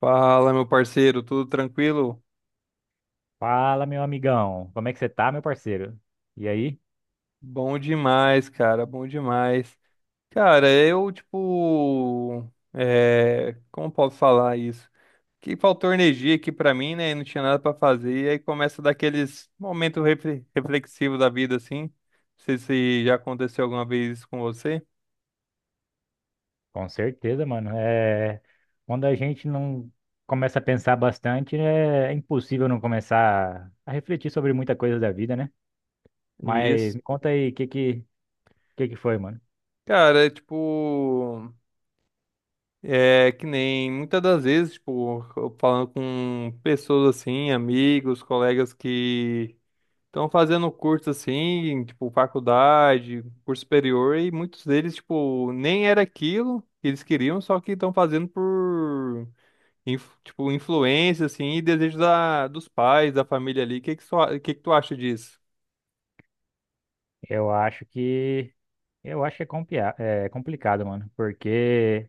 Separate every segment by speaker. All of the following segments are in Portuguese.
Speaker 1: Fala, meu parceiro, tudo tranquilo?
Speaker 2: Fala, meu amigão. Como é que você tá, meu parceiro? E aí?
Speaker 1: Bom demais. Cara, eu, tipo, como posso falar isso? Que faltou energia aqui pra mim, né? Não tinha nada pra fazer. E aí começa daqueles momentos reflexivos da vida, assim. Não sei se já aconteceu alguma vez isso com você.
Speaker 2: Com certeza, mano. Quando a gente não começa a pensar bastante, é impossível não começar a refletir sobre muita coisa da vida, né? Mas
Speaker 1: Isso.
Speaker 2: me conta aí, que foi, mano?
Speaker 1: Cara, é tipo, é que nem muitas das vezes, tipo, eu falando com pessoas assim, amigos, colegas que estão fazendo curso assim, tipo, faculdade, curso superior, e muitos deles, tipo, nem era aquilo que eles queriam, só que estão fazendo por, tipo, influência, assim, e desejo dos pais, da família ali. O que que tu acha disso?
Speaker 2: Eu acho que eu acho que é complicado, mano, porque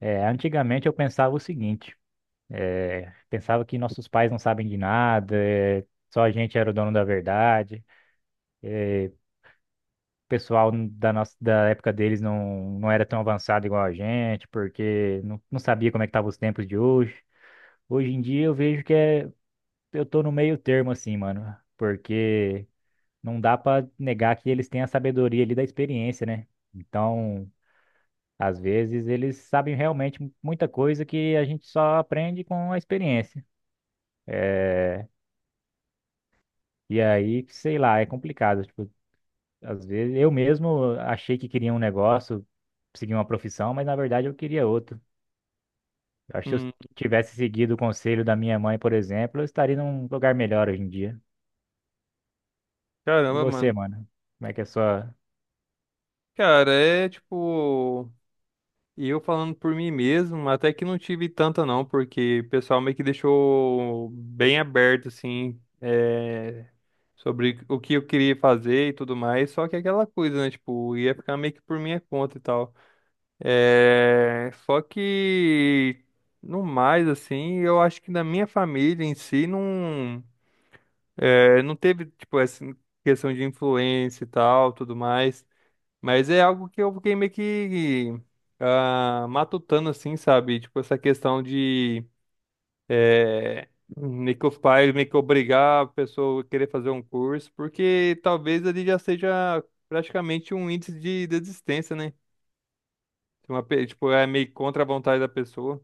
Speaker 2: é, antigamente eu pensava o seguinte, é, pensava que nossos pais não sabem de nada, é, só a gente era o dono da verdade. Pessoal da nossa da época deles não era tão avançado igual a gente, porque não sabia como é que estavam os tempos de hoje. Hoje em dia eu vejo que é, eu tô no meio termo assim, mano, porque não dá pra negar que eles têm a sabedoria ali da experiência, né? Então, às vezes eles sabem realmente muita coisa que a gente só aprende com a experiência. É, e aí, sei lá, é complicado. Tipo, às vezes eu mesmo achei que queria um negócio, seguir uma profissão, mas na verdade eu queria outro. Eu acho que se eu
Speaker 1: Hum,
Speaker 2: tivesse seguido o conselho da minha mãe, por exemplo, eu estaria num lugar melhor hoje em dia. E
Speaker 1: caramba,
Speaker 2: você,
Speaker 1: mano.
Speaker 2: mano? Como é que é a sua.
Speaker 1: Cara, é tipo. E eu falando por mim mesmo, até que não tive tanta não, porque o pessoal meio que deixou bem aberto, assim, sobre o que eu queria fazer e tudo mais, só que aquela coisa, né, tipo, ia ficar meio que por minha conta e tal. É, só que, no mais, assim, eu acho que na minha família em si não, não teve, tipo, essa questão de influência e tal, tudo mais. Mas é algo que eu fiquei meio que ah, matutando, assim, sabe? Tipo, essa questão de eh, meio que os pais meio que obrigar a pessoa a querer fazer um curso, porque talvez ele já seja praticamente um índice de desistência, né? Tipo, tipo, é meio contra a vontade da pessoa.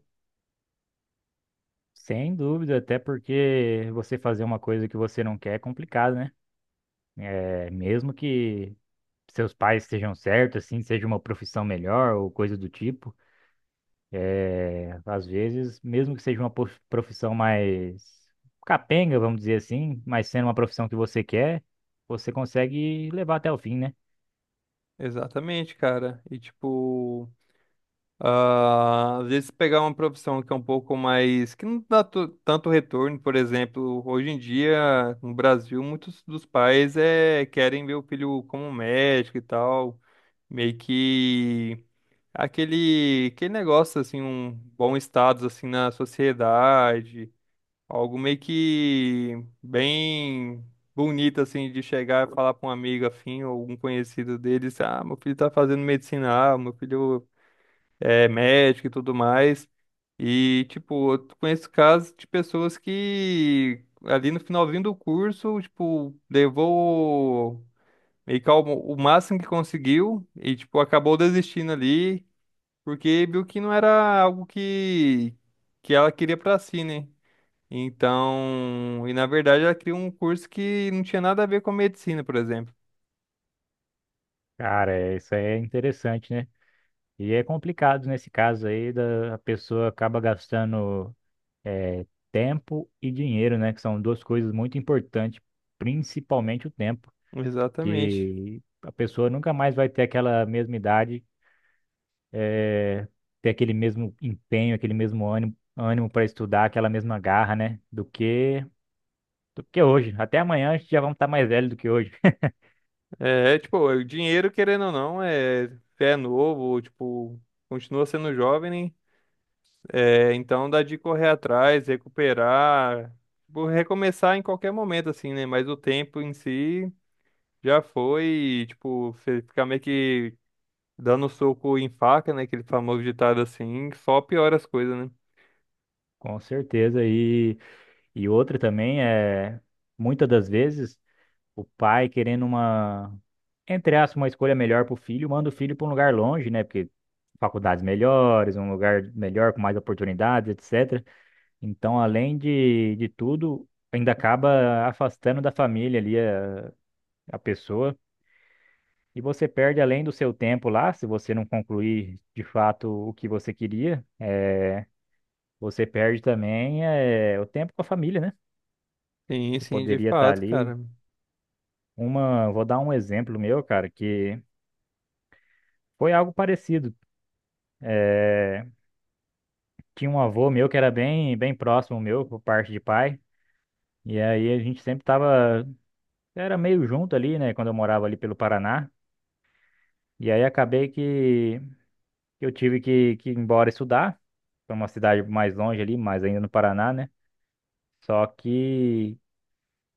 Speaker 2: Sem dúvida, até porque você fazer uma coisa que você não quer é complicado, né? É, mesmo que seus pais estejam certos, assim, seja uma profissão melhor ou coisa do tipo. Às vezes, mesmo que seja uma profissão mais capenga, vamos dizer assim, mas sendo uma profissão que você quer, você consegue levar até o fim, né?
Speaker 1: Exatamente, cara. E tipo. Ah, às vezes pegar uma profissão que é um pouco mais, que não dá tanto retorno, por exemplo, hoje em dia no Brasil muitos dos pais querem ver o filho como médico e tal, meio que aquele negócio assim, um bom status assim na sociedade, algo meio que bem bonito assim de chegar e falar para um amigo afim ou algum conhecido deles, ah, meu filho tá fazendo medicina, ah, meu filho é médico e tudo mais. E, tipo, eu conheço casos de pessoas que ali no finalzinho do curso, tipo, levou meio que o máximo que conseguiu e, tipo, acabou desistindo ali, porque viu que não era algo que ela queria pra si, né? Então, e na verdade ela queria um curso que não tinha nada a ver com medicina, por exemplo.
Speaker 2: Cara, isso é interessante, né? E é complicado nesse caso aí, da, a pessoa acaba gastando é, tempo e dinheiro, né? Que são duas coisas muito importantes, principalmente o tempo,
Speaker 1: Exatamente.
Speaker 2: que a pessoa nunca mais vai ter aquela mesma idade ter aquele mesmo empenho, aquele mesmo ânimo, ânimo para estudar, aquela mesma garra, né? Do que hoje. Até amanhã a gente já vamos estar mais velho do que hoje,
Speaker 1: É, é, tipo, o dinheiro, querendo ou não, é novo, tipo, continua sendo jovem, né? É, então dá de correr atrás, recuperar, tipo, recomeçar em qualquer momento, assim, né? Mas o tempo em si já foi, e, tipo, você ficar meio que dando soco em faca, né? Aquele famoso ditado assim, que só piora as coisas, né?
Speaker 2: com certeza. E outra também é muitas das vezes o pai querendo uma entre aspas uma escolha melhor para o filho, manda o filho para um lugar longe, né? Porque faculdades melhores, um lugar melhor com mais oportunidades, etc. Então, além de tudo, ainda acaba afastando da família ali a pessoa. E você perde além do seu tempo lá, se você não concluir de fato o que você queria, eh, você perde também eh, o tempo com a família, né?
Speaker 1: Sim,
Speaker 2: Você
Speaker 1: sim, de
Speaker 2: poderia estar
Speaker 1: fato,
Speaker 2: ali.
Speaker 1: cara.
Speaker 2: Uma, vou dar um exemplo meu, cara, que foi algo parecido. Eh, tinha um avô meu que era bem, bem próximo meu, por parte de pai, e aí a gente sempre tava, era meio junto ali, né, quando eu morava ali pelo Paraná. E aí acabei que que ir embora estudar para uma cidade mais longe ali, mas ainda no Paraná, né? Só que.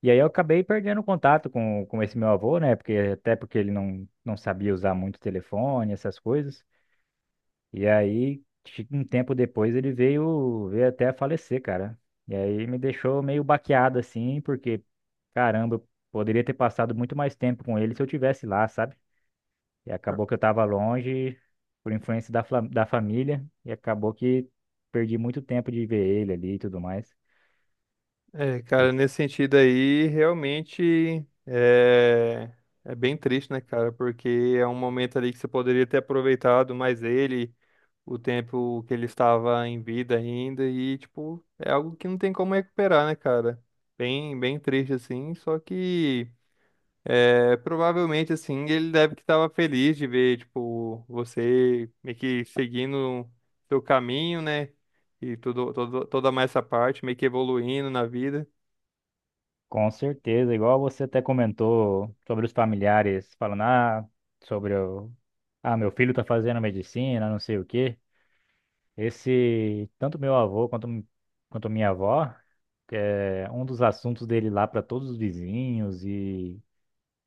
Speaker 2: E aí eu acabei perdendo contato com esse meu avô, né? Porque, até porque ele não sabia usar muito telefone, essas coisas. E aí, um tempo depois, ele veio, veio até a falecer, cara. E aí me deixou meio baqueado, assim, porque, caramba, eu poderia ter passado muito mais tempo com ele se eu tivesse lá, sabe? E acabou que eu tava longe, por influência da, fla- da família, e acabou que perdi muito tempo de ver ele ali e tudo mais.
Speaker 1: É, cara, nesse sentido aí, realmente é bem triste, né, cara? Porque é um momento ali que você poderia ter aproveitado mais ele, o tempo que ele estava em vida ainda, e, tipo, é algo que não tem como recuperar, né, cara? Bem, bem triste, assim, só que é, provavelmente, assim, ele deve que estava feliz de ver, tipo, você meio que seguindo seu caminho, né? E tudo, toda mais essa parte, meio que evoluindo na vida.
Speaker 2: Com certeza, igual você até comentou sobre os familiares falando, ah, sobre o, ah, meu filho tá fazendo medicina, não sei o quê. Esse, tanto meu avô quanto, quanto minha avó, é, um dos assuntos dele lá para todos os vizinhos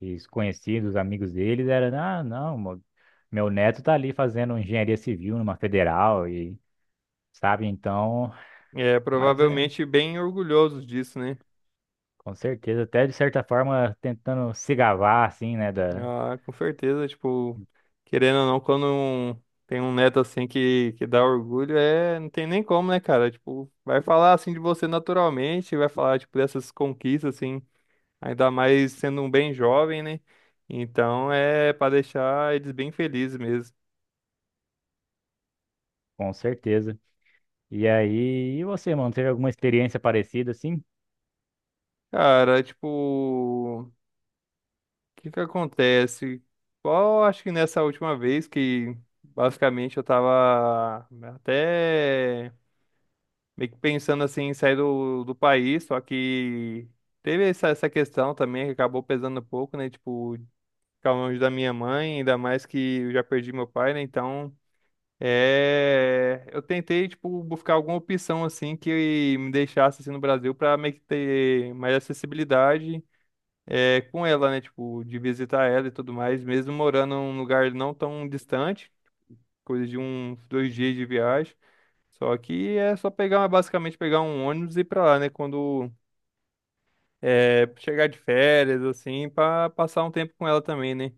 Speaker 2: e os conhecidos, amigos deles, era, ah, não, mo- meu neto tá ali fazendo engenharia civil numa federal e, sabe, então,
Speaker 1: É,
Speaker 2: mas é,
Speaker 1: provavelmente bem orgulhosos disso, né?
Speaker 2: com certeza, até de certa forma tentando se gabar, assim, né, da.
Speaker 1: Ah, com certeza, tipo, querendo ou não, tem um neto assim que dá orgulho, é, não tem nem como, né, cara? Tipo, vai falar assim de você naturalmente, vai falar, tipo, dessas conquistas, assim, ainda mais sendo um bem jovem, né? Então é pra deixar eles bem felizes mesmo.
Speaker 2: Com certeza. E aí, e você, mano, teve alguma experiência parecida assim?
Speaker 1: Cara, tipo. O que que acontece? Qual, acho que nessa última vez que basicamente eu tava até meio que pensando assim em sair do país, só que teve essa questão também que acabou pesando um pouco, né? Tipo, ficar longe da minha mãe, ainda mais que eu já perdi meu pai, né? Então, é, eu tentei, tipo, buscar alguma opção assim que me deixasse assim no Brasil pra meio que ter mais acessibilidade é, com ela, né? Tipo, de visitar ela e tudo mais, mesmo morando num lugar não tão distante, coisa de uns dois dias de viagem. Só que é só pegar, basicamente pegar um ônibus e ir pra lá, né? Quando é, chegar de férias, assim, pra passar um tempo com ela também, né?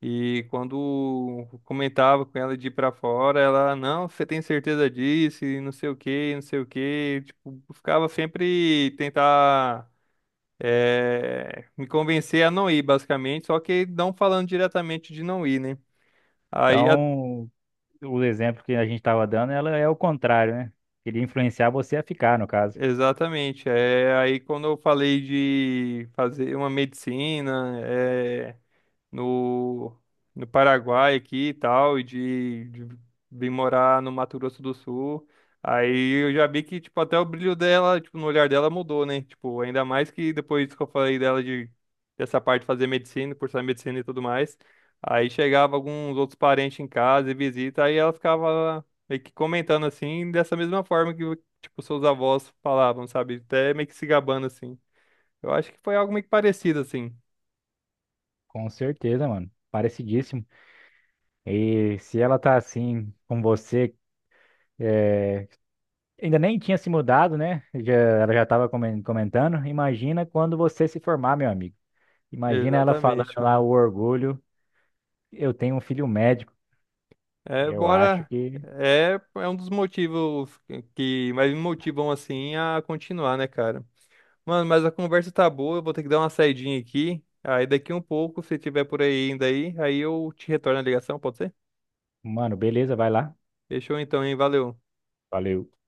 Speaker 1: E quando comentava com ela de ir pra fora, ela, não, você tem certeza disso, e não sei o quê, não sei o quê. Tipo, ficava sempre tentar é, me convencer a não ir, basicamente, só que não falando diretamente de não ir, né? Aí, a-
Speaker 2: Então, o exemplo que a gente estava dando, ela é o contrário, né? Queria influenciar você a ficar, no caso.
Speaker 1: exatamente, é, aí quando eu falei de fazer uma medicina, é, no, no Paraguai aqui e tal, e de vir morar no Mato Grosso do Sul. Aí eu já vi que, tipo, até o brilho dela, tipo, no olhar dela mudou, né? Tipo, ainda mais que depois que eu falei dela de dessa parte de fazer medicina, cursar medicina e tudo mais. Aí chegava alguns outros parentes em casa e visita, aí ela ficava meio que comentando assim, dessa mesma forma que, tipo, seus avós falavam, sabe? Até meio que se gabando assim. Eu acho que foi algo meio que parecido assim.
Speaker 2: Com certeza, mano. Parecidíssimo. E se ela tá assim com você, ainda nem tinha se mudado, né? Já, ela já estava comentando. Imagina quando você se formar, meu amigo. Imagina ela falando
Speaker 1: Exatamente,
Speaker 2: lá
Speaker 1: mano.
Speaker 2: o orgulho. Eu tenho um filho médico.
Speaker 1: É,
Speaker 2: Eu acho
Speaker 1: bora.
Speaker 2: que,
Speaker 1: É, é um dos motivos que mais me motivam assim a continuar, né, cara? Mano, mas a conversa tá boa, eu vou ter que dar uma saidinha aqui. Aí daqui um pouco, se tiver por aí ainda aí, aí eu te retorno a ligação, pode ser?
Speaker 2: mano, beleza, vai lá.
Speaker 1: Fechou então, hein? Valeu.
Speaker 2: Valeu.